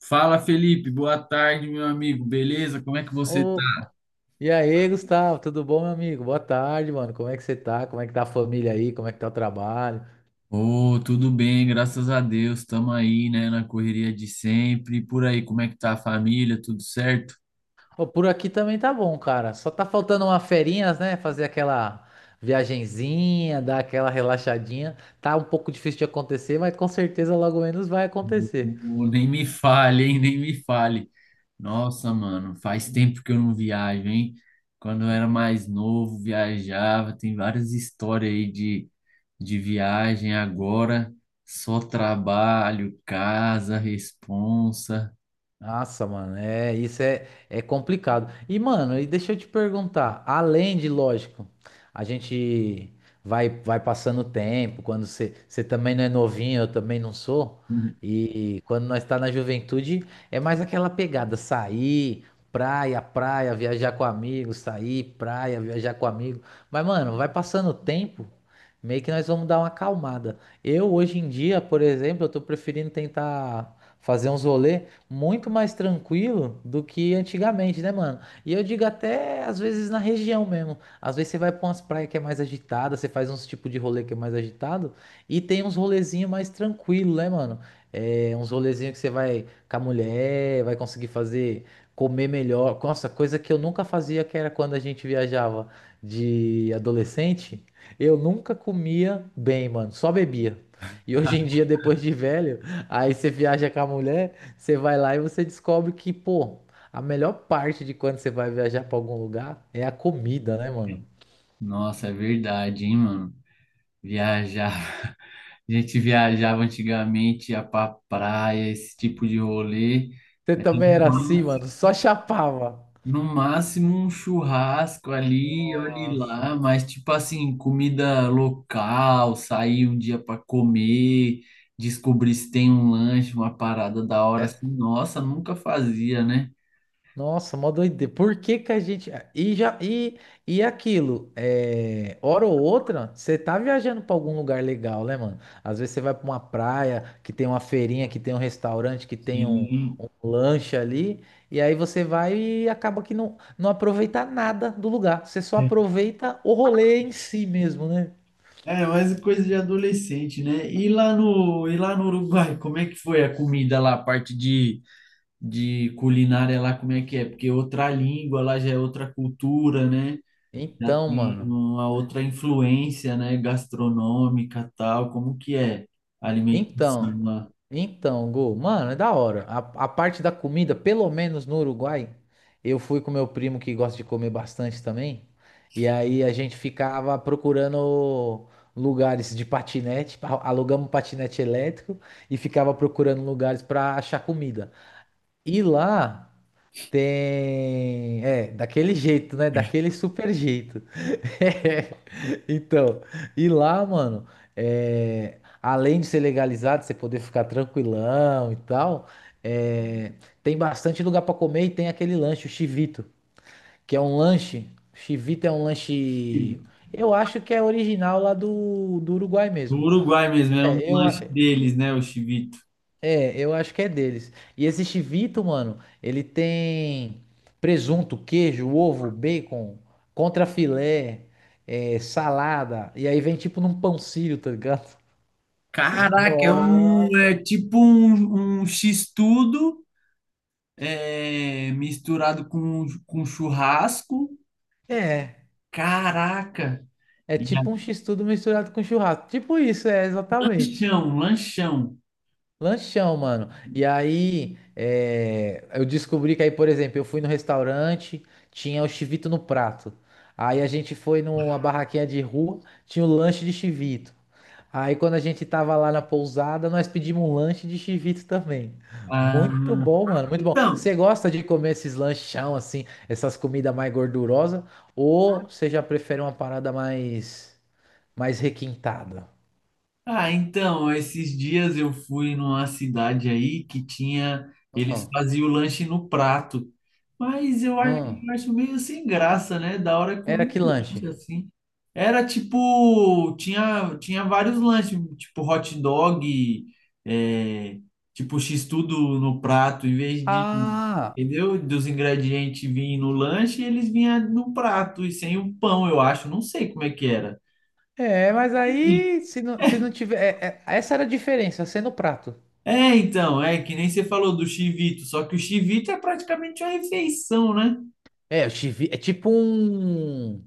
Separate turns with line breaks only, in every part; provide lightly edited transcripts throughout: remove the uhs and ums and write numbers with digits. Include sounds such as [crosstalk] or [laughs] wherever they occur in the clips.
Fala, Felipe. Boa tarde, meu amigo. Beleza? Como é que você tá?
Ô, e aí, Gustavo, tudo bom, meu amigo? Boa tarde, mano. Como é que você tá? Como é que tá a família aí? Como é que tá o trabalho?
Ô, tudo bem, graças a Deus. Estamos aí, né, na correria de sempre. E por aí, como é que tá a família? Tudo certo?
Ô, por aqui também tá bom, cara. Só tá faltando uma ferinhas, né? Fazer aquela viagenzinha, dar aquela relaxadinha. Tá um pouco difícil de acontecer, mas com certeza logo menos vai acontecer.
Ô, nem me fale, hein? Nem me fale. Nossa, mano, faz tempo que eu não viajo, hein? Quando eu era mais novo, viajava. Tem várias histórias aí de viagem. Agora, só trabalho, casa, responsa.
Nossa, mano, isso é complicado. E, mano, e deixa eu te perguntar, além de, lógico, a gente vai passando o tempo, quando você também não é novinho, eu também não sou,
[laughs]
e quando nós tá na juventude, é mais aquela pegada, sair, praia, praia, viajar com amigos, sair, praia, viajar com amigo. Mas, mano, vai passando o tempo, meio que nós vamos dar uma acalmada. Eu, hoje em dia, por exemplo, eu tô preferindo tentar fazer uns rolê muito mais tranquilo do que antigamente, né, mano? E eu digo até às vezes na região mesmo. Às vezes você vai pra umas praias que é mais agitada, você faz uns tipo de rolê que é mais agitado e tem uns rolezinhos mais tranquilo, né, mano? É, uns rolezinhos que você vai com a mulher, vai conseguir fazer, comer melhor. Nossa, coisa que eu nunca fazia, que era quando a gente viajava de adolescente, eu nunca comia bem, mano, só bebia. E hoje em dia, depois de velho, aí você viaja com a mulher, você vai lá e você descobre que, pô, a melhor parte de quando você vai viajar pra algum lugar é a comida, né, mano?
Nossa, é verdade, hein, mano? Viajava. [laughs] A gente viajava antigamente, ia pra praia, esse tipo de rolê.
Você também era assim, mano, só chapava.
No máximo um churrasco ali, olhe
Nossa.
lá, mas tipo assim, comida local, sair um dia para comer, descobrir se tem um lanche, uma parada da hora assim, nossa, nunca fazia, né?
Nossa, mó doideira. Por que que a gente. Ah, E já e aquilo, hora ou outra, você tá viajando pra algum lugar legal, né, mano? Às vezes você vai pra uma praia que tem uma feirinha, que tem um restaurante, que tem um,
Sim.
um lanche ali, e aí você vai e acaba que não, não aproveita nada do lugar. Você só aproveita o rolê em si mesmo, né?
É, mas é coisa de adolescente, né? E lá no Uruguai, como é que foi a comida lá, a parte de culinária lá, como é que é? Porque outra língua lá já é outra cultura, né? Já
Então,
tem
mano.
uma outra influência, né? Gastronômica, tal. Como que é a alimentação
Então,
lá?
então, Gu, mano, é da hora. A parte da comida, pelo menos no Uruguai, eu fui com meu primo que gosta de comer bastante também. E aí a gente ficava procurando lugares de patinete, alugamos um patinete elétrico e ficava procurando lugares pra achar comida. E lá tem. É, daquele jeito, né? Daquele super jeito. [laughs] É, Então, e lá, mano, além de ser legalizado, você poder ficar tranquilão e tal, é, tem bastante lugar pra comer e tem aquele lanche, o chivito, que é um lanche. Chivito é um lanche. Eu acho que é original lá do Uruguai
Do
mesmo.
Uruguai mesmo, é um
É, eu,
lanche deles, né? O chivito.
eu acho que é deles. E esse chivito, mano, ele tem presunto, queijo, ovo, bacon, contrafilé, salada. E aí vem tipo num pão sírio, tá ligado? [laughs]
Caraca, é, um,
Nossa.
é tipo um, um x-tudo é, misturado com churrasco.
É,
Caraca!
é
E é
tipo um
um
x-tudo misturado com churrasco. Tipo isso, é, exatamente.
lanchão, um lanchão.
Lanchão, mano. E aí, eu descobri que aí, por exemplo, eu fui no restaurante, tinha o chivito no prato. Aí a gente foi numa barraquinha de rua, tinha o lanche de chivito. Aí quando a gente tava lá na pousada, nós pedimos um lanche de chivito também.
Ah,
Muito bom, mano, muito bom.
então,
Você gosta de comer esses lanchão assim, essas comidas mais gordurosas, ou você já prefere uma parada mais requintada?
ah, então, esses dias eu fui numa cidade aí que tinha, eles
Hum,
faziam o lanche no prato, mas
hum.
eu acho meio sem graça, né? Da hora é
Era
comer
que
um lanche
lanche?
assim. Era tipo, tinha vários lanches, tipo hot dog, é, tipo x-tudo no prato, em vez de,
Ah,
entendeu? Dos ingredientes virem no lanche, eles vinham no prato e sem o pão, eu acho, não sei como é que era.
é, mas aí se não tiver. Essa era a diferença, ser no prato.
É, então, é que nem você falou do chivito, só que o chivito é praticamente uma refeição, né?
É, o chivi é tipo um.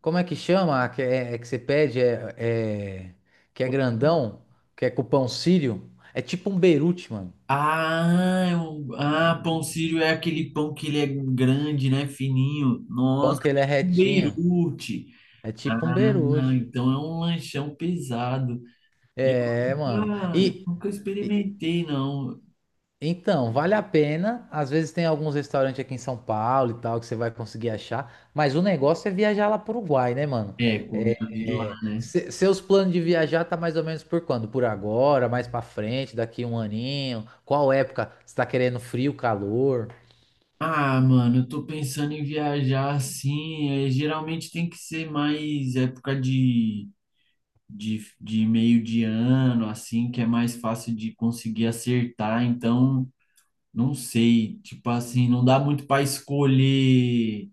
Como é que chama? Que, é que você pede, que é grandão, que é com pão sírio. É tipo um berute, mano.
Ah, pão sírio é aquele pão que ele é grande, né? Fininho.
Pão
Nossa,
que ele é
tipo um
retinho.
Beirute.
É tipo um
Ah,
berute.
então é um lanchão pesado. Eu
É, mano.
eu nunca
E-
experimentei, não.
Então, vale a pena. Às vezes tem alguns restaurantes aqui em São Paulo e tal que você vai conseguir achar, mas o negócio é viajar lá para o Uruguai, né, mano?
É, comeu
É,
de
é,
lá, né?
se- seus planos de viajar tá mais ou menos por quando? Por agora, mais para frente, daqui um aninho? Qual época? Você tá querendo frio, calor?
Ah, mano, eu tô pensando em viajar assim. É, geralmente tem que ser mais época de meio de ano, assim, que é mais fácil de conseguir acertar. Então, não sei, tipo assim, não dá muito para escolher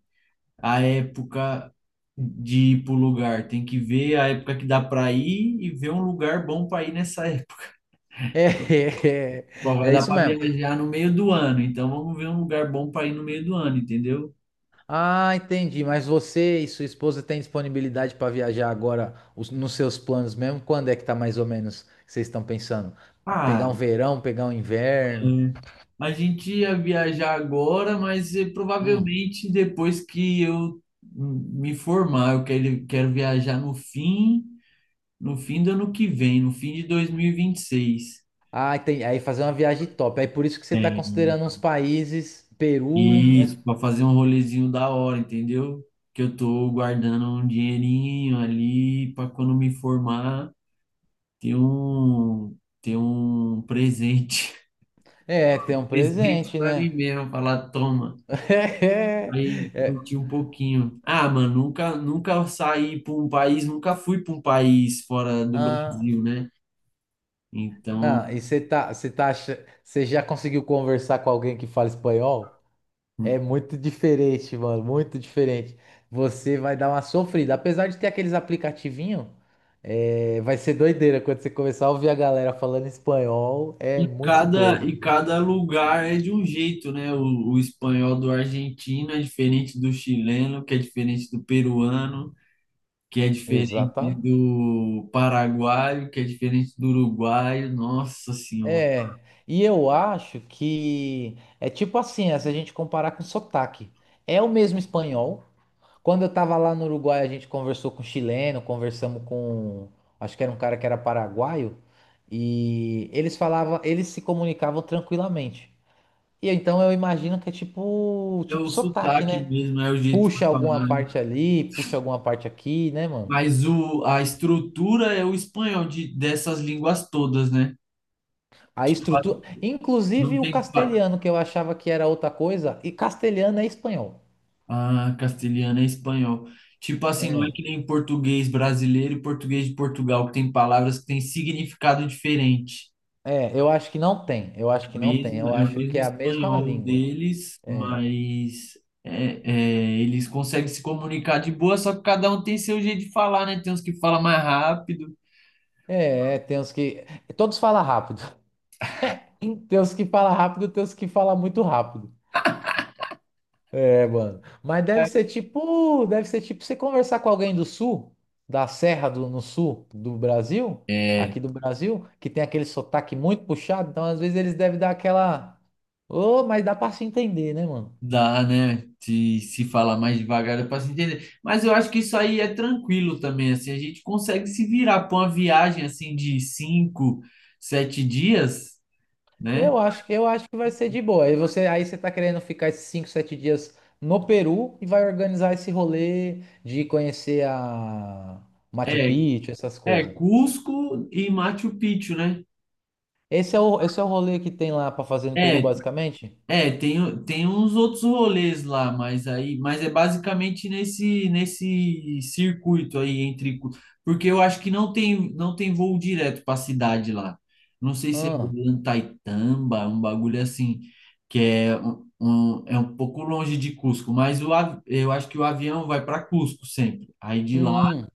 a época de ir pro lugar. Tem que ver a época que dá para ir e ver um lugar bom para ir nessa [laughs] época.
É. [laughs]
Bom,
é,
vai
é
dar
isso
para
mesmo.
viajar no meio do ano, então vamos ver um lugar bom para ir no meio do ano, entendeu?
Ah, entendi. Mas você e sua esposa têm disponibilidade para viajar agora nos seus planos mesmo? Quando é que tá mais ou menos que vocês estão pensando? Pegar
Ah,
um verão, pegar um inverno?
a gente ia viajar agora, mas
Hum.
provavelmente depois que eu me formar, quero viajar no fim do ano que vem, no fim de 2026.
Ah, entendi. Aí fazer uma viagem top. Aí por isso que você tá considerando
É,
uns países, Peru, mas
isso, para fazer um rolezinho da hora, entendeu? Que eu tô guardando um dinheirinho ali para quando me formar ter um ter um presente,
é, tem um
[laughs] presente
presente,
para mim
né?
mesmo, falar, toma.
[laughs]
Aí
É.
curti um pouquinho. Ah, mano, nunca saí para um país, nunca fui para um país fora do
Ah,
Brasil, né? Então,
não, e você já conseguiu conversar com alguém que fala espanhol? É muito diferente, mano, muito diferente. Você vai dar uma sofrida. Apesar de ter aqueles aplicativinhos, vai ser doideira quando você começar a ouvir a galera falando espanhol. É muito doido.
e cada lugar é de um jeito, né? O espanhol do argentino é diferente do chileno, que é diferente do peruano, que é diferente
Exata.
do paraguaio, que é diferente do uruguaio. Nossa Senhora.
É. E eu acho que é tipo assim, se a gente comparar com sotaque. É o mesmo espanhol. Quando eu tava lá no Uruguai, a gente conversou com chileno, conversamos com, acho que era um cara que era paraguaio, e eles falavam, eles se comunicavam tranquilamente. E então eu imagino que é tipo,
É
tipo
o
sotaque,
sotaque
né?
mesmo, é o jeito
Puxa
de falar.
alguma parte ali, puxa alguma parte aqui, né, mano?
Mas a estrutura é o espanhol dessas línguas todas, né?
A
Tipo,
estrutura,
não
inclusive o
tem.
castelhano que eu achava que era outra coisa, e castelhano é espanhol.
Ah, castelhano é espanhol. Tipo assim, não é que nem português brasileiro e português de Portugal, que tem palavras que têm significado diferente.
É, eu acho que não tem. Eu acho que não tem.
Mesmo,
Eu
é o
acho
mesmo
que é a mesma
espanhol
língua.
deles, mas é, é, eles conseguem se comunicar de boa, só que cada um tem seu jeito de falar, né? Tem uns que falam mais rápido.
É, tem uns que todos falam rápido. [laughs] É, tem uns que falam rápido, tem uns que falam muito rápido. É, mano. Mas deve ser tipo você conversar com alguém do sul, da Serra do no sul do Brasil,
É,
aqui do Brasil, que tem aquele sotaque muito puxado, então às vezes eles devem dar aquela, ô, mas dá pra se entender, né, mano?
dá, né? Se falar mais devagar, é para se entender. Mas eu acho que isso aí é tranquilo também, assim, a gente consegue se virar para uma viagem assim de cinco, sete dias, né?
Eu acho que vai ser de boa. Aí você tá querendo ficar esses 5, 7 dias no Peru e vai organizar esse rolê de conhecer a Machu
É,
Picchu, essas
é
coisas.
Cusco e Machu Picchu, né?
Esse é o rolê que tem lá pra fazer no Peru,
É,
basicamente?
é, tem, tem uns outros rolês lá, mas aí, mas é basicamente nesse circuito aí entre, porque eu acho que não tem voo direto para a cidade lá. Não sei se é
Ah.
Antaitamba, um bagulho assim, que é um é um pouco longe de Cusco, mas eu acho que o avião vai para Cusco sempre. Aí de lá
Hum. Hum.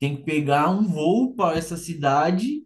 tem que pegar um voo para essa cidade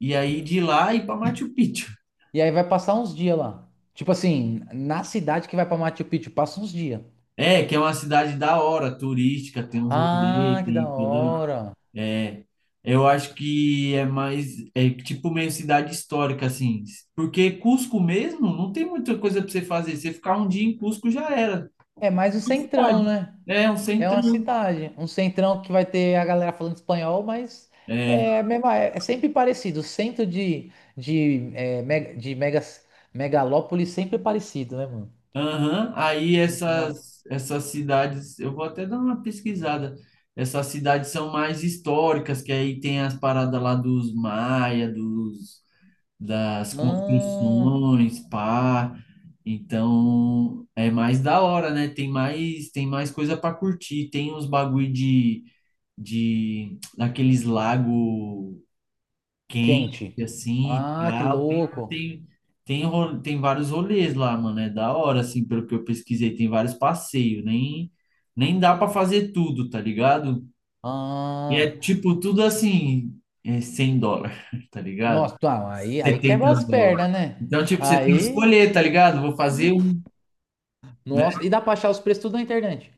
e aí de lá ir para Machu Picchu.
E aí vai passar uns dias lá. Tipo assim, na cidade que vai pra Machu Picchu, passa uns dias.
É, que é uma cidade da hora, turística, tem uns
Ah,
rolês,
que da
tem tudo.
hora.
É, eu acho que é mais, é tipo meio cidade histórica, assim. Porque Cusco mesmo não tem muita coisa para você fazer. Você ficar um dia em Cusco já era.
É mais um
Uma
centrão,
cidade.
né?
É, um
É uma
centrão.
cidade. Um centrão que vai ter a galera falando espanhol, mas
É,
é, mesmo, é sempre parecido. O centro de mega, de megas, megalópole sempre é parecido, né, mano?
aham. Aí
No final.
essas cidades, eu vou até dar uma pesquisada. Essas cidades são mais históricas, que aí tem as paradas lá dos maia, dos das
Ah,
construções, pá. Então, é mais da hora, né? Tem mais coisa para curtir. Tem uns bagulho de daqueles lago quente
quente.
assim e
Ah, que
tal.
louco.
Tem, tem, tem vários rolês lá, mano. É da hora, assim, pelo que eu pesquisei. Tem vários passeios. Nem dá para fazer tudo, tá ligado? E é
Ah.
tipo tudo assim, é US$ 100, [laughs] tá ligado?
Nossa, tá, aí
setenta
quebra as
dólares.
pernas, né?
Então, tipo, você tem que
Aí.
escolher, tá ligado? Vou fazer um, né?
Nossa, e dá pra achar os preços tudo na internet.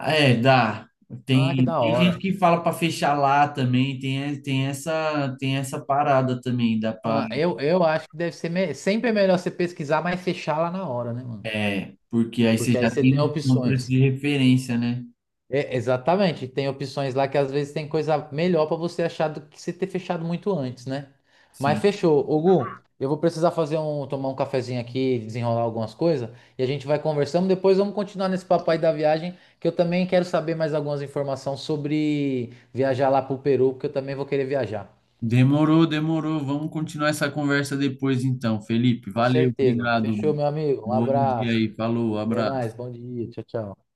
É, dá.
Ah, que
Tem,
da
tem gente
hora.
que fala pra fechar lá também, tem, tem essa parada também, dá pra,
Ah, eu acho que deve ser sempre é melhor você pesquisar, mas fechar lá na hora, né, mano?
é, porque aí você
Porque aí
já
você tem
tem um preço
opções.
de referência, né?
É, exatamente, tem opções lá que às vezes tem coisa melhor pra você achar do que você ter fechado muito antes, né? Mas
Sim.
fechou. Ô, Gu, eu vou precisar fazer um, tomar um cafezinho aqui, desenrolar algumas coisas, e a gente vai conversando. Depois vamos continuar nesse papo aí da viagem, que eu também quero saber mais algumas informações sobre viajar lá pro Peru, porque eu também vou querer viajar.
Demorou, demorou. Vamos continuar essa conversa depois, então. Felipe,
Com
valeu,
certeza.
obrigado.
Fechou, meu amigo. Um
Bom dia
abraço.
aí, falou,
Até mais.
abraço.
Bom dia. Tchau, tchau.